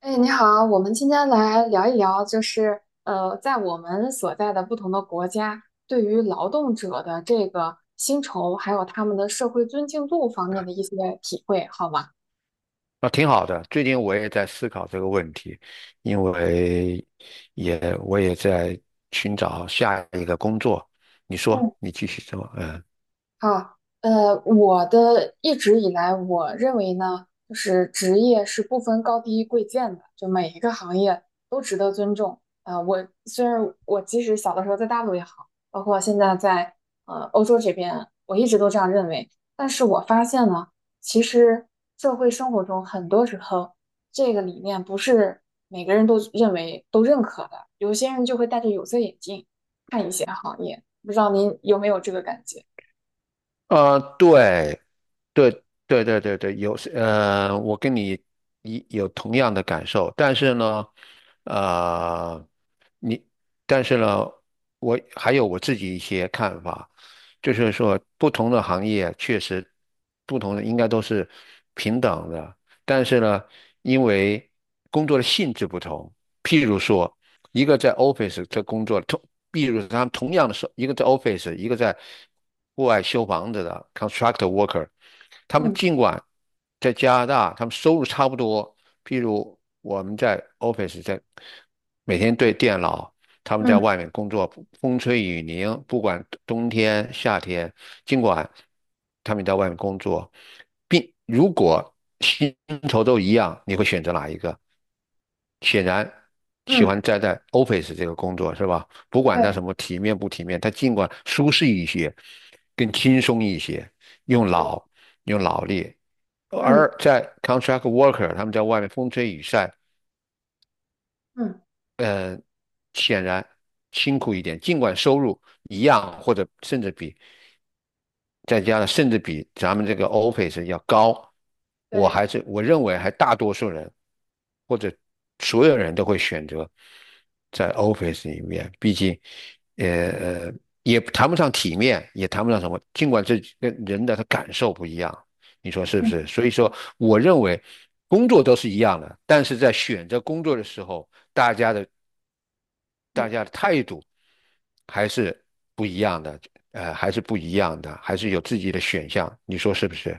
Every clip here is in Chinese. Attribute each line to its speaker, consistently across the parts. Speaker 1: 哎，你好，我们今天来聊一聊，在我们所在的不同的国家，对于劳动者的这个薪酬，还有他们的社会尊敬度方面的一些体会，好吗？
Speaker 2: 那挺好的。最近我也在思考这个问题，因为我也在寻找下一个工作。你说，
Speaker 1: 嗯。
Speaker 2: 你继续说，嗯，
Speaker 1: 啊，呃，我的一直以来，我认为呢，就是职业是不分高低贵贱的，就每一个行业都值得尊重。啊、我虽然我即使小的时候在大陆也好，包括现在在欧洲这边，我一直都这样认为。但是我发现呢，其实社会生活中很多时候，这个理念不是每个人都认可的，有些人就会戴着有色眼镜看一些行业，不知道您有没有这个感觉？
Speaker 2: 啊，对，对，有，我跟你有同样的感受，但是呢，呃，你，但是呢，我还有我自己一些看法。就是说不同的行业确实不同的应该都是平等的，但是呢，因为工作的性质不同，譬如说，一个在 office 在工作，同，譬如他们同样的是一个在 office，一个在户外修房子的 constructor worker，他们
Speaker 1: 嗯。
Speaker 2: 尽管在加拿大，他们收入差不多，譬如我们在 office 在每天对电脑，他们在
Speaker 1: 嗯
Speaker 2: 外面工作，风吹雨淋，不管冬天夏天，尽管他们在外面工作，并如果薪酬都一样，你会选择哪一个？显然喜
Speaker 1: 嗯，
Speaker 2: 欢待在 office 这个工作是吧？不管他
Speaker 1: 对，
Speaker 2: 什么体面不体面，他尽管舒适一些，更轻松一些，用
Speaker 1: 是的。
Speaker 2: 脑用脑力。
Speaker 1: 嗯
Speaker 2: 而在 contract worker，他们在外面风吹雨晒，
Speaker 1: 嗯，
Speaker 2: 嗯，显然辛苦一点，尽管收入一样或者甚至比再加上甚至比咱们这个 Office 要高，
Speaker 1: 对。
Speaker 2: 我认为还大多数人或者所有人都会选择在 Office 里面，毕竟，呃呃也谈不上体面，也谈不上什么，尽管这跟人的他感受不一样，你说是不
Speaker 1: 嗯。
Speaker 2: 是？所以说，我认为工作都是一样的，但是在选择工作的时候，大
Speaker 1: 嗯，
Speaker 2: 家的态度还是不一样的，还是不一样的，还是有自己的选项，你说是不是？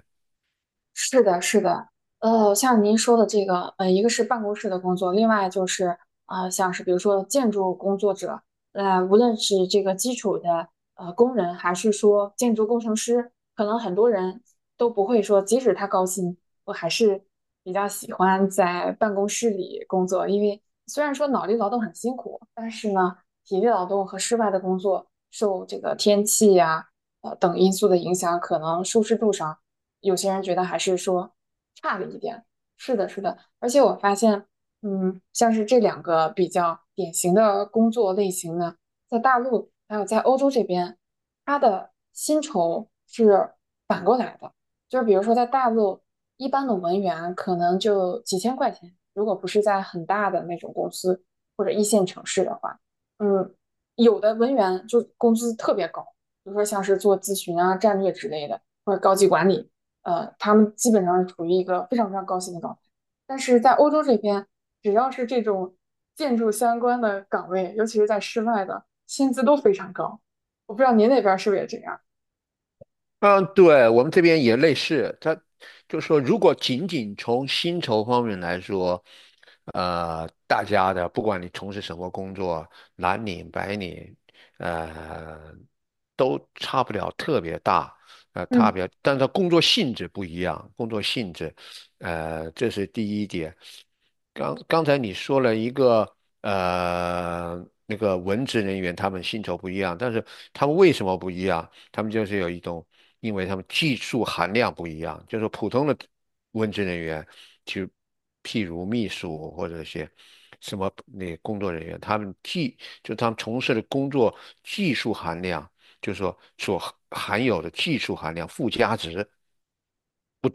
Speaker 1: 是的，是的。像您说的这个，呃，一个是办公室的工作，另外就是像是比如说建筑工作者，呃，无论是这个基础的工人，还是说建筑工程师，可能很多人都不会说，即使他高薪，我还是比较喜欢在办公室里工作，因为虽然说脑力劳动很辛苦，但是呢，体力劳动和室外的工作受这个天气呀、等因素的影响，可能舒适度上，有些人觉得还是说差了一点。是的，是的，而且我发现，嗯，像是这两个比较典型的工作类型呢，在大陆还有在欧洲这边，它的薪酬是反过来的，就是比如说在大陆，一般的文员可能就几千块钱，如果不是在很大的那种公司或者一线城市的话。嗯。有的文员就工资特别高，比如说像是做咨询啊、战略之类的，或者高级管理，他们基本上是处于一个非常非常高薪的状态。但是在欧洲这边，只要是这种建筑相关的岗位，尤其是在室外的，薪资都非常高。我不知道您那边是不是也这样？
Speaker 2: 嗯，对，我们这边也类似，他就说，如果仅仅从薪酬方面来说，大家的不管你从事什么工作，蓝领、白领，呃，都差不了特别大，差
Speaker 1: 嗯，
Speaker 2: 别，但是工作性质不一样，工作性质，这是第一点。刚刚才你说了一个，那个文职人员他们薪酬不一样，但是他们为什么不一样？他们就是有一种，因为他们技术含量不一样，就是普通的文职人员，就譬如秘书或者一些什么那工作人员，他们技就他们从事的工作技术含量，就是说所含有的技术含量附加值，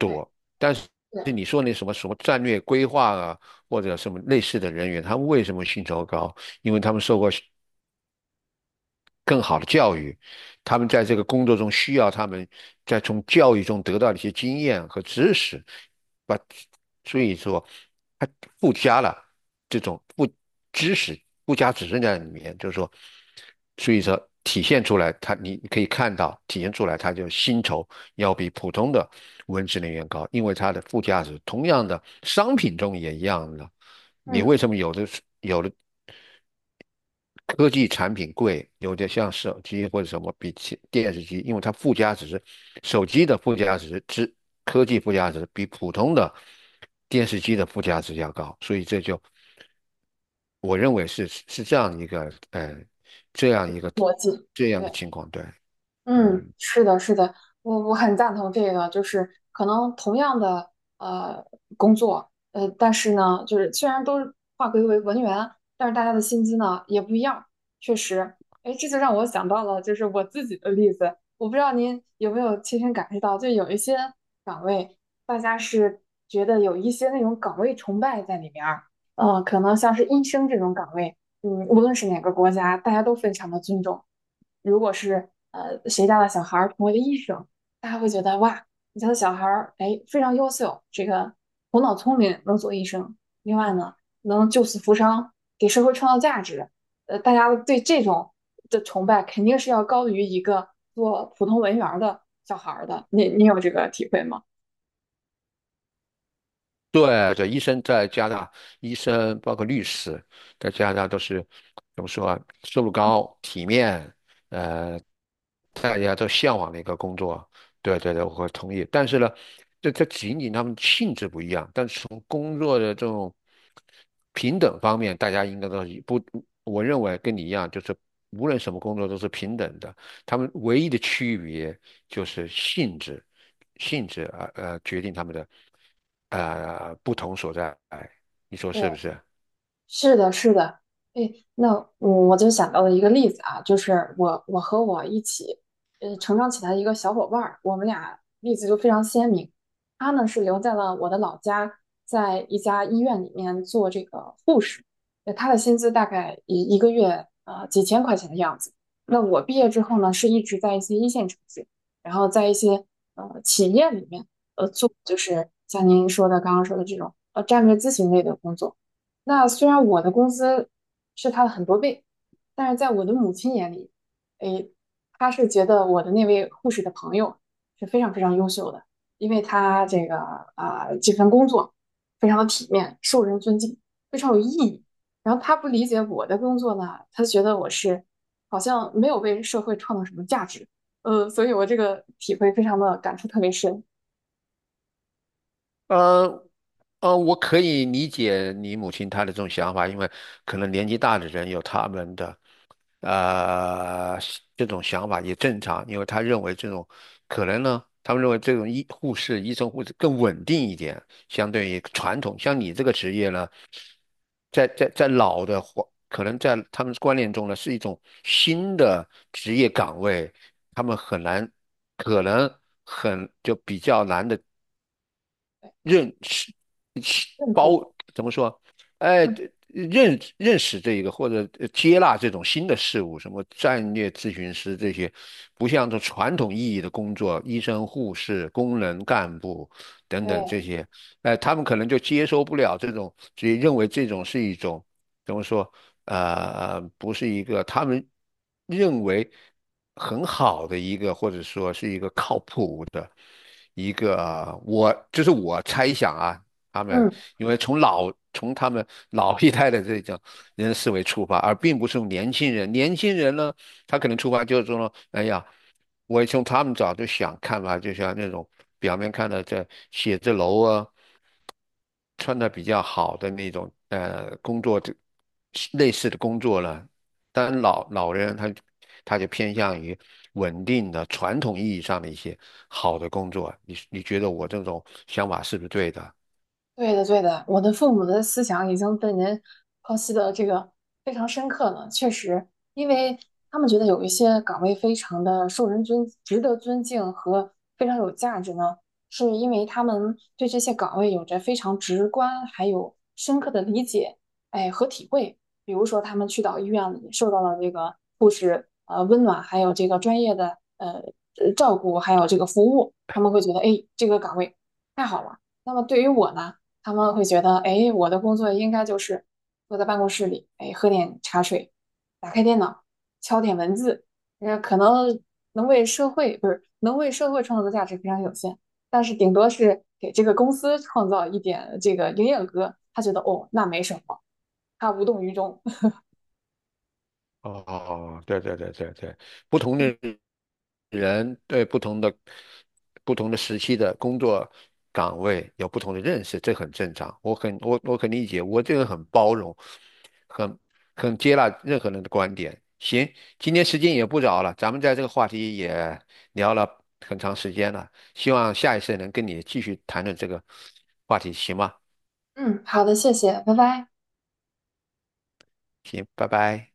Speaker 1: 对
Speaker 2: 但是。
Speaker 1: 对，
Speaker 2: 你说那什么什么战略规划啊，或者什么类似的人员，他们为什么薪酬高？因为他们受过更好的教育，他们在这个工作中需要他们在从教育中得到的一些经验和知识，把，所以说，它附加了这种不知识附加指认在里面，就是说，所以说体现出来它，你可以看到体现出来，它就薪酬要比普通的文职人员高，因为它的附加值，同样的商品中也一样的，你
Speaker 1: 嗯，
Speaker 2: 为什么有的有的？科技产品贵，有点像手机或者什么比起电视机，因为它附加值，手机的附加值之科技附加值比普通的电视机的附加值要高，所以这就我认为是这样一个，这样一个
Speaker 1: 逻辑，
Speaker 2: 这样的
Speaker 1: 对。
Speaker 2: 情况，对，
Speaker 1: 嗯，
Speaker 2: 嗯，
Speaker 1: 是的，是的。我很赞同这个，就是可能同样的呃工作，呃，但是呢，就是虽然都是划归为文员，但是大家的薪资呢也不一样，确实。哎，这就让我想到了就是我自己的例子，我不知道您有没有亲身感受到，就有一些岗位，大家是觉得有一些那种岗位崇拜在里面儿。可能像是医生这种岗位。嗯，无论是哪个国家，大家都非常的尊重。如果是谁家的小孩儿成为了医生，大家会觉得哇，你家的小孩儿哎非常优秀，这个头脑聪明，能做医生。另外呢，能救死扶伤，给社会创造价值。大家对这种的崇拜肯定是要高于一个做普通文员儿的小孩儿的。你有这个体会吗？
Speaker 2: 对对，医生在加拿大，医生包括律师，在加拿大都是怎么说啊？收入高、体面，呃，大家都向往的一个工作。对对对，我会同意。但是呢，这仅仅他们性质不一样，但是从工作的这种平等方面，大家应该都是不，我认为跟你一样，就是无论什么工作都是平等的。他们唯一的区别就是性质，决定他们的，不同所在，你说是不
Speaker 1: 对，
Speaker 2: 是？
Speaker 1: 是的，是的。哎，那我就想到了一个例子啊，就是我和我一起成长起来的一个小伙伴儿，我们俩例子就非常鲜明。他呢是留在了我的老家，在一家医院里面做这个护士，他的薪资大概一个月几千块钱的样子。那我毕业之后呢，是一直在一些一线城市，然后在一些企业里面做，就是像您刚刚说的这种战略咨询类的工作。那虽然我的工资是他的很多倍，但是在我的母亲眼里，诶，她是觉得我的那位护士的朋友是非常非常优秀的，因为她这个这份工作非常的体面，受人尊敬，非常有意义。然后他不理解我的工作呢，他觉得我是好像没有为社会创造什么价值，所以我这个体会非常的感触特别深。
Speaker 2: 呃我可以理解你母亲她的这种想法，因为可能年纪大的人有他们的，呃，这种想法也正常，因为他认为这种可能呢，他们认为这种医护士、医生、护士更稳定一点，相对于传统。像你这个职业呢，在老的环，可能在他们观念中呢，是一种新的职业岗位，他们很难，可能很就比较难的
Speaker 1: 对，
Speaker 2: 认识
Speaker 1: 认
Speaker 2: 包
Speaker 1: 同，
Speaker 2: 怎么说？哎，
Speaker 1: 嗯，
Speaker 2: 认认识这一个或者接纳这种新的事物，什么战略咨询师这些，不像这传统意义的工作，医生、护士、工人、干部等等
Speaker 1: 对，
Speaker 2: 这些，哎，他们可能就接受不了这种，所以认为这种是一种怎么说？呃，不是一个他们认为很好的一个，或者说是一个靠谱的。一个我，就是我猜想啊，他们
Speaker 1: 嗯。
Speaker 2: 因为从老从他们老一代的这种人的思维出发，而并不是从年轻人。年轻人呢，他可能出发就是说，哎呀，我从他们早就想看法，就像那种表面看的这写字楼啊，穿的比较好的那种，工作这类似的工作了。当然老人他就偏向于稳定的传统意义上的一些好的工作。你觉得我这种想法是不是对的？
Speaker 1: 对的，对的，我的父母的思想已经被您剖析的这个非常深刻了。确实，因为他们觉得有一些岗位非常的受人尊，值得尊敬和非常有价值呢，是因为他们对这些岗位有着非常直观还有深刻的理解，哎和体会。比如说，他们去到医院里受到了这个护士温暖，还有这个专业的照顾，还有这个服务，他们会觉得哎这个岗位太好了。那么对于我呢？他们会觉得，哎，我的工作应该就是坐在办公室里，哎，喝点茶水，打开电脑，敲点文字，呃，可能能为社会，不是，能为社会创造的价值非常有限，但是顶多是给这个公司创造一点这个营业额，他觉得哦，那没什么，他无动于衷。
Speaker 2: 哦，对，不同的人对不同的时期的工作岗位有不同的认识，这很正常。我很理解，我这个人很包容，很很接纳任何人的观点。行，今天时间也不早了，咱们在这个话题也聊了很长时间了，希望下一次能跟你继续谈论这个话题，行吗？
Speaker 1: 嗯，好的，谢谢，拜拜。
Speaker 2: 行，拜拜。